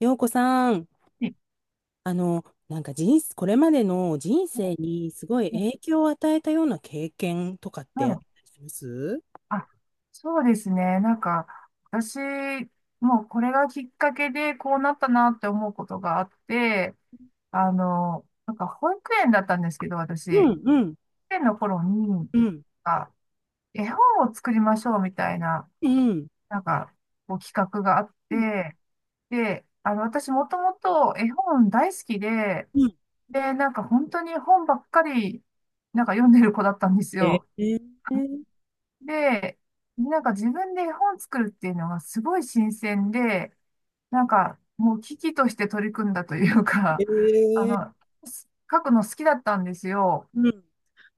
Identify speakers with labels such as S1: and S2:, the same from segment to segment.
S1: 洋子さん、
S2: え
S1: なんか人生、これまでの人生にすごい影響を与えたような経験とかっ
S2: は
S1: てあっ
S2: い。
S1: たりします？
S2: あ、そうですね。私、もうこれがきっかけでこうなったなって思うことがあって、保育園だったんですけど、私、保
S1: うん
S2: 育
S1: うん
S2: 園の頃に、
S1: うん
S2: あ、絵本を作りましょうみたいな、
S1: うん
S2: なんか、こう企画があっ
S1: うん
S2: て、で、あの、私もともと絵本大好きで、
S1: うん。
S2: で、本当に本ばっかり、読んでる子だったんです
S1: え
S2: よ。
S1: ー、えー、
S2: で、自分で絵本作るっていうのがすごい新鮮で、もう危機として取り組んだというか、あの、書くの好きだったんですよ。
S1: うん。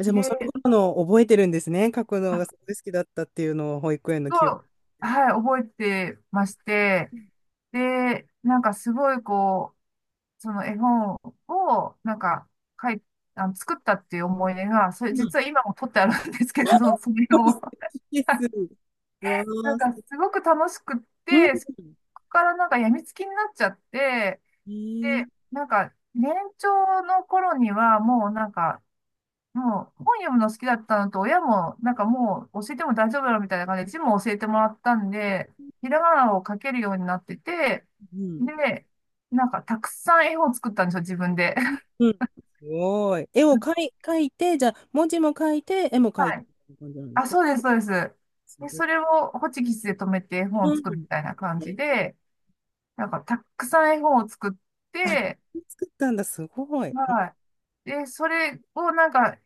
S1: じゃあもうそういう
S2: で、
S1: ことの覚えてるんですね。書くの
S2: あ
S1: がすごい好きだったっていうのを保育園の
S2: と、
S1: 記憶。
S2: はい、覚えてまして、
S1: う
S2: で、なんかすごいこう、その絵本を、なんか、書い、あの、作ったっていう思い出が、それ実は
S1: ん。
S2: 今も取ってあるんですけど、それを、
S1: です。うわー、す、
S2: すごく楽しくっ
S1: う
S2: て、
S1: ん。
S2: そこから病みつきになっちゃって、
S1: え
S2: で、
S1: ー、
S2: 年長の頃には、もうなんか、もう本読むの好きだったのと、親も、もう教えても大丈夫だろうみたいな感じで、字も教えてもらったんで、ひらがなを書けるようになってて、
S1: うん。
S2: で、たくさん絵本を作ったんですよ、自分で。
S1: うん。すごい。絵を描 い、描いて、じゃあ、文字も書いて、絵も描
S2: は
S1: いて、
S2: い。
S1: みたいな感じなんです
S2: あ、
S1: か？
S2: そうです、そうです。
S1: す
S2: で、
S1: ごい。
S2: それをホチキスで止めて絵本
S1: う
S2: を作る
S1: ん。
S2: みたいな感じ
S1: ね。
S2: で、たくさん絵本を作っ
S1: あ、
S2: て、
S1: 作ったんだ、すごい。
S2: はい。で、それをなんか、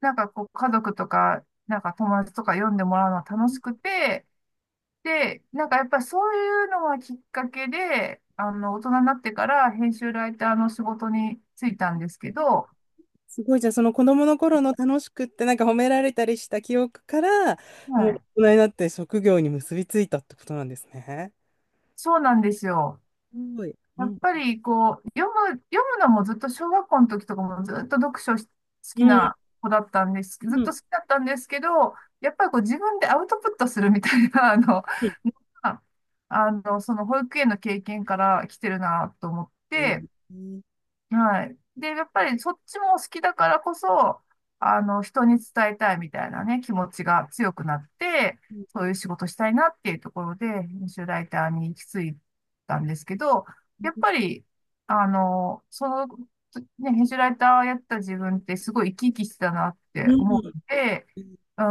S2: なんかこう家族とか、友達とか読んでもらうのは楽しくて、で、やっぱりそういうのがきっかけで、あの、大人になってから編集ライターの仕事に就いたんですけど、
S1: すごい。じゃあ、その子供の頃の楽しくって、なんか褒められたりした記憶から、
S2: は
S1: もう
S2: い。
S1: 大人になって職業に結びついたってことなんですね。
S2: そうなんですよ。
S1: すごい。う
S2: やっ
S1: ん。
S2: ぱりこう、読むのもずっと小学校の時とかもずっと読書し好
S1: う
S2: き
S1: ん。
S2: な子だったんです。ず
S1: う
S2: っ
S1: ん。
S2: と好きだったんですけど、やっぱりこう自分でアウトプットするみたいな、あの、
S1: うん。
S2: あの、その保育園の経験から来てるなと思っ
S1: えー、
S2: て、
S1: うん。
S2: はい。で、やっぱりそっちも好きだからこそ、あの、人に伝えたいみたいなね、気持ちが強くなって、
S1: うん。
S2: そういう仕事したいなっていうところで、編集ライターに行き着いたんですけど、やっぱり、あの、その、ね、編集ライターをやってた自分ってすごい生き生きしてたなって思
S1: う
S2: って、
S1: ん。
S2: うん、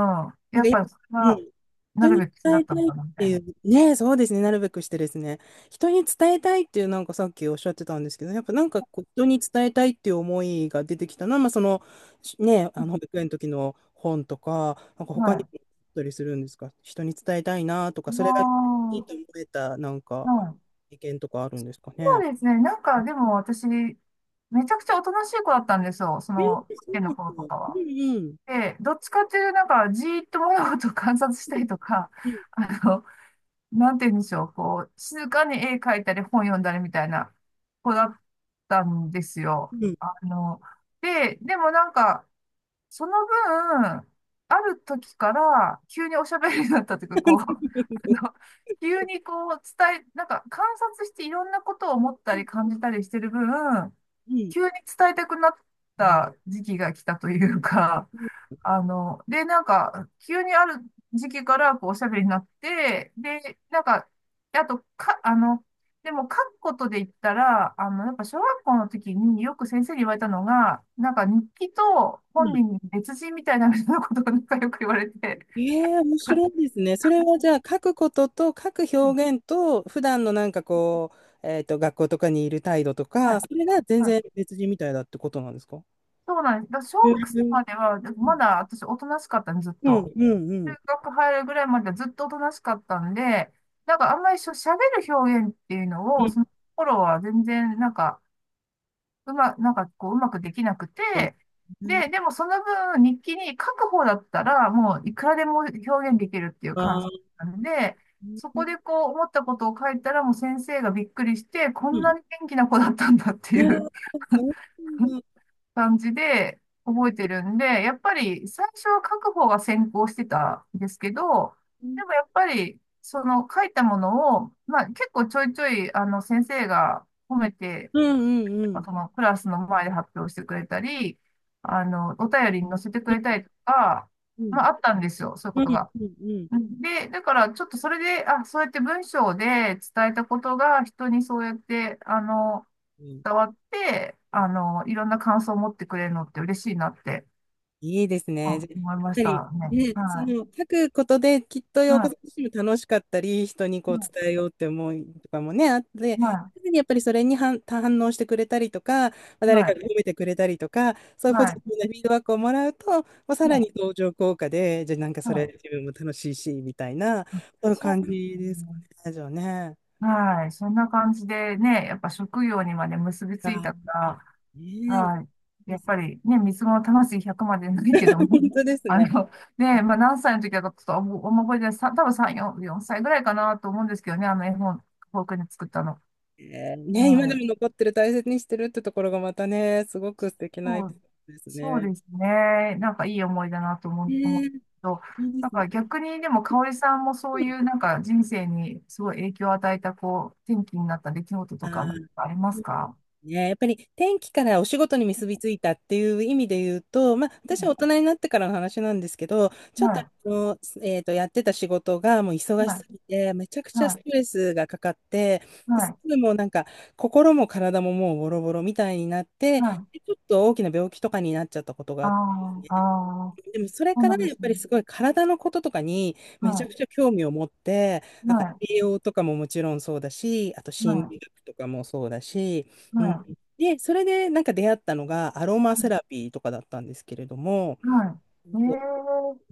S1: なん
S2: や
S1: か
S2: っぱりそれ
S1: い、う
S2: が、
S1: ん。
S2: な
S1: 人
S2: る
S1: に
S2: べく
S1: 伝
S2: な
S1: え
S2: った
S1: た
S2: の
S1: いっ
S2: かなみた
S1: て
S2: い
S1: い
S2: な。
S1: う、ね、そうですね、なるべくしてですね、人に伝えたいっていう、なんかさっきおっしゃってたんですけど、やっぱなんかこう人に伝えたいっていう思いが出てきたのは、まあ、その、しね、あの保育園の時の本とか、なんか
S2: は
S1: 他に
S2: い。
S1: もあったりするんですか、人に伝えたいなとか、それが
S2: あ
S1: いいと思えた、なん
S2: あ、
S1: か、
S2: はい。
S1: 意見とかあるんですかね？
S2: そうですね。でも私、めちゃくちゃおとなしい子だったんですよ。そ
S1: えー、
S2: の、保
S1: そ
S2: 育園
S1: う
S2: の頃と
S1: なんだ。
S2: か
S1: う
S2: は。
S1: んうん。
S2: で、どっちかっていうと、じーっと物事を観察したりとか、
S1: うん
S2: あの、なんて言うんでしょう、こう、静かに絵描いたり本読んだりみたいな子だったんですよ。
S1: うん。うん。うん。
S2: あの、でもその分、ある時から急におしゃべりになったというか、こう、あの、急にこう伝え、なんか観察していろんなことを思ったり感じたりしてる分、急に伝えたくなった 時期が来たというか、あの、で、急にある時期から、こう、おしゃべりになって、で、なんか、であと、か、あの、でも、書くことで言ったら、あの、やっぱ、小学校の時によく先生に言われたのが、日記と本人に別人みたいな、みたいなことが、よく言われて、
S1: ええ、面
S2: はい。
S1: 白いですね。それはじゃあ書くことと書く表現と普段のなんかこう、学校とかにいる態度とか、それが全
S2: はい。
S1: 然別人みたいだってことなんですか？
S2: そうなんです。だから
S1: え
S2: 小
S1: え、
S2: 学生
S1: うん、
S2: までは、まだ私、おとなしかったんです、ずっ
S1: うん、
S2: と。
S1: う
S2: 中
S1: ん。
S2: 学入るぐらいまではずっとおとなしかったんで、あんまりしゃべる表現っていうの
S1: う
S2: を、
S1: ん。
S2: その頃は全然、なんか、うま、なんかこう、うまくできなくて、
S1: あ、うん。
S2: で、でもその分日記に書く方だったら、もういくらでも表現できるっていう感じ
S1: あ、
S2: なんで、そこでこう思ったことを書いたらもう先生がびっくりして、こ
S1: う
S2: ん
S1: ん。
S2: なに元気な子だったんだって
S1: え
S2: い
S1: え、
S2: う
S1: そう なんだ。
S2: 感じで覚えてるんで、やっぱり最初は書く方が先行してたんですけど、
S1: うん、
S2: でもやっぱりその書いたものを、まあ結構ちょいちょいあの先生が褒めて
S1: うん、うん。
S2: そのクラスの前で発表してくれたり、あの、お便りに載せてくれたりとか、
S1: うん、
S2: まああったんですよ、そういう
S1: う
S2: こと
S1: ん、
S2: が。
S1: うん、うん。
S2: で、だからちょっとそれで、あ、そうやって文章で伝えたことが人にそうやって、あの、
S1: うん。
S2: 伝わって、あの、いろんな感想を持ってくれるのって嬉しいなって、
S1: いいです
S2: う
S1: ね。じゃ
S2: ん
S1: あやっ
S2: 思いまし
S1: ぱり、
S2: たね。
S1: ね、そ
S2: は
S1: の書くことできっと
S2: い。
S1: 洋子さ
S2: は
S1: ん自身も楽しかったり、人にこう伝えようって思いとかもね、あって、
S2: い。は
S1: 常にやっぱりそれに反、反応してくれたりとか、まあ
S2: い。
S1: 誰
S2: は
S1: か
S2: い。
S1: が褒めてくれたりとか、そういうポジ
S2: は
S1: テ
S2: い。
S1: ィブなフィードバックをもらうと、まあ、さら
S2: はい。
S1: に登場効果で、じゃあなんか
S2: は
S1: そ
S2: い。は
S1: れ
S2: い。
S1: 自分も楽しいし、みたいな、そういう感
S2: そ
S1: じ
S2: うです
S1: ですか
S2: ね。
S1: ね、じゃあね。
S2: はい。そんな感じでね、やっぱ職業にまで結びつい
S1: あ、
S2: たから、
S1: ね
S2: はい。
S1: え。
S2: やっ ぱりね、三つ子の魂100までないけども、
S1: 本当で す
S2: あ
S1: ね。
S2: の、ね、まあ何歳の時だかちょっとあんま覚えてない、多分3、4歳ぐらいかなと思うんですけどね、あの絵本、フォークに作ったの。
S1: えー、
S2: う
S1: ね、今で
S2: ん。
S1: も残ってる、大切にしてるってところがまたね、すごく素敵なエ
S2: そ
S1: ピソ
S2: う、
S1: ードです
S2: そう
S1: ね。
S2: ですね。なんかいい思いだなと
S1: え
S2: 思うけ
S1: ー、
S2: ど、
S1: いいで
S2: なん
S1: すね。
S2: か逆にでも、香織さんもそういうなんか人生にすごい影響を与えた、こう、転機になった出来事
S1: あ
S2: とか、なん
S1: ー、
S2: かありますか？
S1: ね、やっぱり天気からお仕事に結びついたっていう意味で言うと、まあ、私
S2: う
S1: は
S2: ん。
S1: 大人になってからの話なんですけど、ちょ
S2: は
S1: っと、
S2: い。
S1: やってた仕事がもう忙し
S2: は
S1: す
S2: い、
S1: ぎて、めちゃくちゃス
S2: はい、
S1: トレスがかかって、
S2: は
S1: です
S2: い、
S1: ぐもうなんか心も体ももうボロボロみたいになって、
S2: はい。
S1: でちょっと大きな病気とかになっちゃったことがあ
S2: あ
S1: っ
S2: あ、
S1: て。
S2: ああ、
S1: でもそれ
S2: そう
S1: か
S2: な
S1: ら
S2: んで
S1: やっ
S2: す
S1: ぱり
S2: ね。
S1: すごい体のこととかにめちゃく
S2: は
S1: ちゃ興味を持って、
S2: い、
S1: なんか
S2: は
S1: 栄養とかももちろんそうだし、あと
S2: い、
S1: 心
S2: はい、
S1: 理学とかもそうだし、うん、
S2: は
S1: で、それでなんか出会ったのがアロマ
S2: い、
S1: セラピーとかだったんですけれども、
S2: はい。え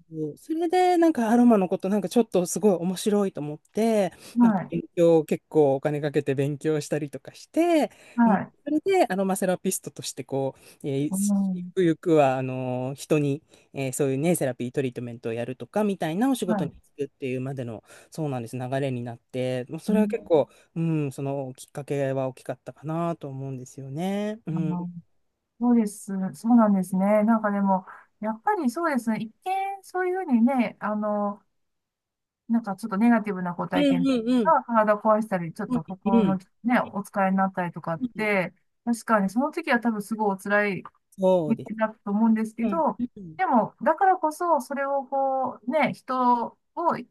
S1: そう、それで、なんかアロマのこと、なんかちょっとすごい面白いと思って、
S2: え、
S1: なんか
S2: はい、
S1: 勉強、結構お金かけて勉強したりとかして、う
S2: は
S1: ん、
S2: い、
S1: それでアロマセラピストとして、こう、
S2: う
S1: ゆ
S2: ん、
S1: くゆくは、あの人に、そういうね、セラピートリートメントをやるとか、みたいなお仕
S2: は
S1: 事に
S2: い。
S1: 就くっていうまでの、そうなんです、流れになって、もうそ
S2: う
S1: れは
S2: ん、
S1: 結構、うん、そのきっかけは大きかったかなと思うんですよね。う
S2: あ
S1: ん。
S2: の、そうです。そうなんですね。なんかでも、やっぱりそうですね。一見、そういうふうにね、あの、なんかちょっとネガティブなご
S1: う
S2: 体
S1: ん
S2: 験
S1: うんうん。
S2: が体壊したり、ちょっ
S1: うん
S2: と心
S1: うん。
S2: のね、お疲れになったりとかっ
S1: うん。
S2: て、確かにその時は多分すごいお辛い
S1: そうです。
S2: だと思うんですけ
S1: うん。
S2: ど、
S1: うん。
S2: でも、だからこそ、それをこう、ね、人を、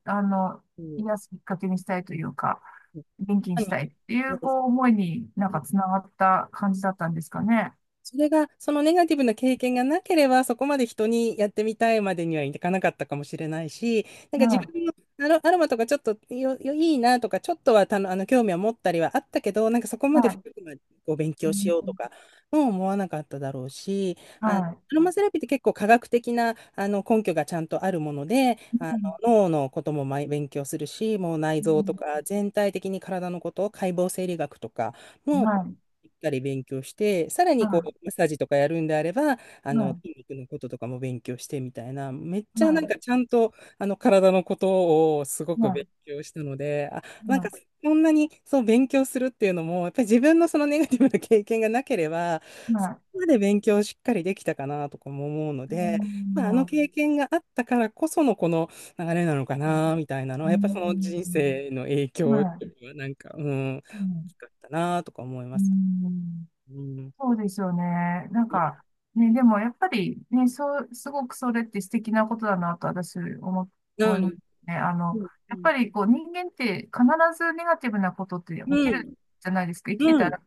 S2: あの、癒
S1: そ
S2: すきっかけにしたいというか、
S1: う、ま
S2: 元気に
S1: さ
S2: し
S1: に
S2: たいってい
S1: そう
S2: う、
S1: です
S2: こう、思いになんか
S1: ね。
S2: つながった感じだったんですかね。
S1: それが、そのネガティブな経験がなければ、そこまで人にやってみたいまでにはいかなかったかもしれないし、なん
S2: は
S1: か自
S2: い、
S1: 分のアロ、アロマとかちょっとよ、よいいなとか、ちょっとはたの、あの興味は持ったりはあったけど、なんかそこま
S2: は
S1: で深
S2: い、
S1: くまでこう勉
S2: う
S1: 強しようと
S2: ん、
S1: か、もう思わなかっただろうし、
S2: は
S1: あの
S2: い、
S1: アロマセラピーって結構科学的なあの根拠がちゃんとあるもので、あ
S2: うん、
S1: の脳のこともまい勉強するし、もう内臓と
S2: う
S1: か全体的に体のこと、解剖生理学とか
S2: ん、
S1: も、
S2: はい、
S1: しっかり勉強して、さら
S2: は
S1: にこう、マッサージとかやるんであれば、あ
S2: い、は
S1: の、
S2: い、
S1: 筋肉のこととかも勉強してみたいな、めっち
S2: は
S1: ゃなん
S2: い、
S1: かちゃんと、あの、体のことをすごく
S2: は
S1: 勉強したので、あ、
S2: い、
S1: なんか
S2: は
S1: そんなにそう勉強するっていうのも、やっぱり自分のそのネガティブな経験がなければ、
S2: い、
S1: そこ
S2: は
S1: まで勉強をしっかりできたかなとかも思うの
S2: い、う
S1: で、
S2: ん、
S1: まあ、あの経験があったからこそのこの流れなのかな、みたいなの
S2: う
S1: は、やっぱそ
S2: ん、
S1: の人生の影
S2: うん、
S1: 響っ
S2: は
S1: ていうのはなんか、うん、大
S2: い、うん、
S1: きかったなとか思いま
S2: う
S1: す。
S2: ん。
S1: うん。
S2: そうですよね。なんか、ね、でもやっぱりね、そう、すごくそれって素敵なことだなと思
S1: う
S2: いま
S1: ん。
S2: すね。あの、
S1: うん。
S2: やっぱりこう人間って必ずネガティブなことって起
S1: う
S2: きる
S1: ん。
S2: じゃないですか。生きて
S1: う
S2: た
S1: ん。
S2: ら、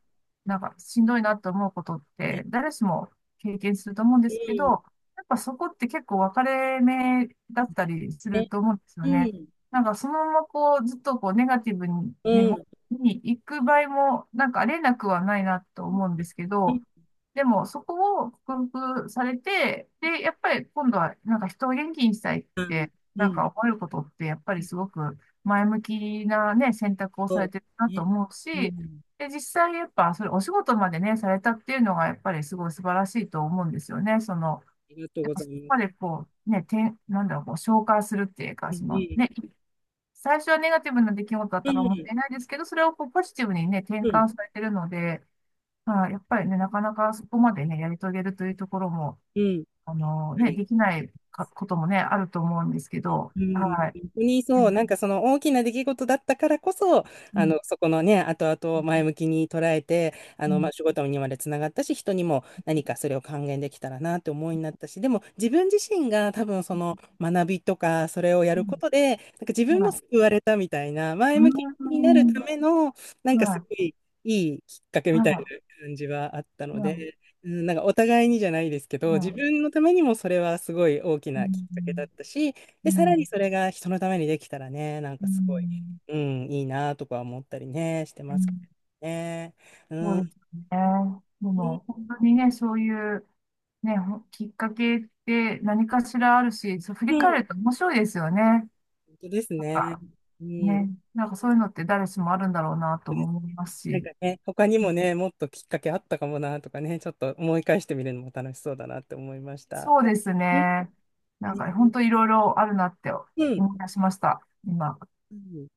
S2: なんかしんどいなと思うことっ
S1: ね。
S2: て誰しも経験すると思うんで
S1: う
S2: すけど、
S1: ん。
S2: やっぱそこって結構分かれ目だったりする
S1: ね。
S2: と思うんです
S1: う
S2: よね。
S1: ん
S2: なんかそのままこうずっとこうネガティブに、
S1: うん
S2: に行く場合も、なんかありえなくはないなと思うんですけ
S1: う
S2: ど、
S1: ん
S2: でもそこを克服されて、で、やっぱり今度はなんか人を元気にしたいって、
S1: う
S2: なん
S1: ん。
S2: か思えることって、やっぱ
S1: う
S2: り
S1: ん。
S2: すごく前向きなね、選択を
S1: そ
S2: され
S1: う、
S2: てるなと
S1: ね。
S2: 思う
S1: う
S2: し、
S1: ん。
S2: で、実際やっぱそれお仕事までね、されたっていうのがやっぱりすごい素晴らしいと思うんですよね。その、
S1: ありがとう
S2: やっ
S1: ご
S2: ぱ
S1: ざい
S2: そこ
S1: ま
S2: まで
S1: す。
S2: こう、ね、なんだろう、こう、消化するっていうか、
S1: うん
S2: そ
S1: う
S2: の
S1: ん
S2: ね、最初はネガティブな出来事だっ
S1: う
S2: たからもっ
S1: ん。
S2: たいないですけど、それをこうポジティブにね、転
S1: うん。
S2: 換されてるので、まあ、やっぱりね、なかなかそこまでね、やり遂げるというところも、あの
S1: あり、
S2: ね、できないかこともね、あると思うんですけど、
S1: うん、
S2: はい。
S1: 本当に
S2: う
S1: そう、
S2: ん、
S1: なんかその大きな出来事だったからこそ、
S2: う
S1: あ
S2: ん、
S1: の、そこのね、後々を前向きに捉えて、あ
S2: う
S1: の、ま
S2: ん、
S1: あ、仕事にまでつながったし、人にも何かそれを還元できたらなって思いになったし、でも自分自身が多分その学びとか、それをやることで、なんか自
S2: う
S1: 分
S2: ん、は
S1: も
S2: い。
S1: 救われたみたいな、前
S2: う
S1: 向き
S2: ー
S1: になるた
S2: ん、
S1: めの、なんか
S2: は
S1: す
S2: い、
S1: ごいいいきっかけみ
S2: はい、
S1: たい
S2: は
S1: な感じはあったので、うん、なんかお互いにじゃないですけ
S2: い、
S1: ど、自
S2: はい、
S1: 分のためにもそれはすごい大き
S2: う
S1: なきっ
S2: ん、
S1: かけだったし、
S2: う
S1: で、
S2: ん、
S1: さ
S2: う
S1: らに
S2: ん、
S1: それが人のためにできたらね、なん
S2: う
S1: かすごい、
S2: ん、
S1: うん、いいなとか思ったりね、して
S2: う
S1: ますけ
S2: ん。
S1: どね。う
S2: そ
S1: ん、
S2: うで
S1: う
S2: すね。でも、
S1: ん、
S2: 本当にね、そういう、ね、きっかけって何かしらあるし、そう振
S1: う
S2: り
S1: ん。
S2: 返ると面白いですよね。なん
S1: 本当ですね。
S2: か、
S1: うん、
S2: ね、なんかそういうのって誰しもあるんだろうなとも思います
S1: なん
S2: し。
S1: かね、他にもね、もっときっかけあったかもなとかね、ちょっと思い返してみるのも楽しそうだなって思いました。
S2: そうです
S1: うん、
S2: ね。なんか本当いろいろあるなって
S1: うん。
S2: 思い出しました、今。
S1: うん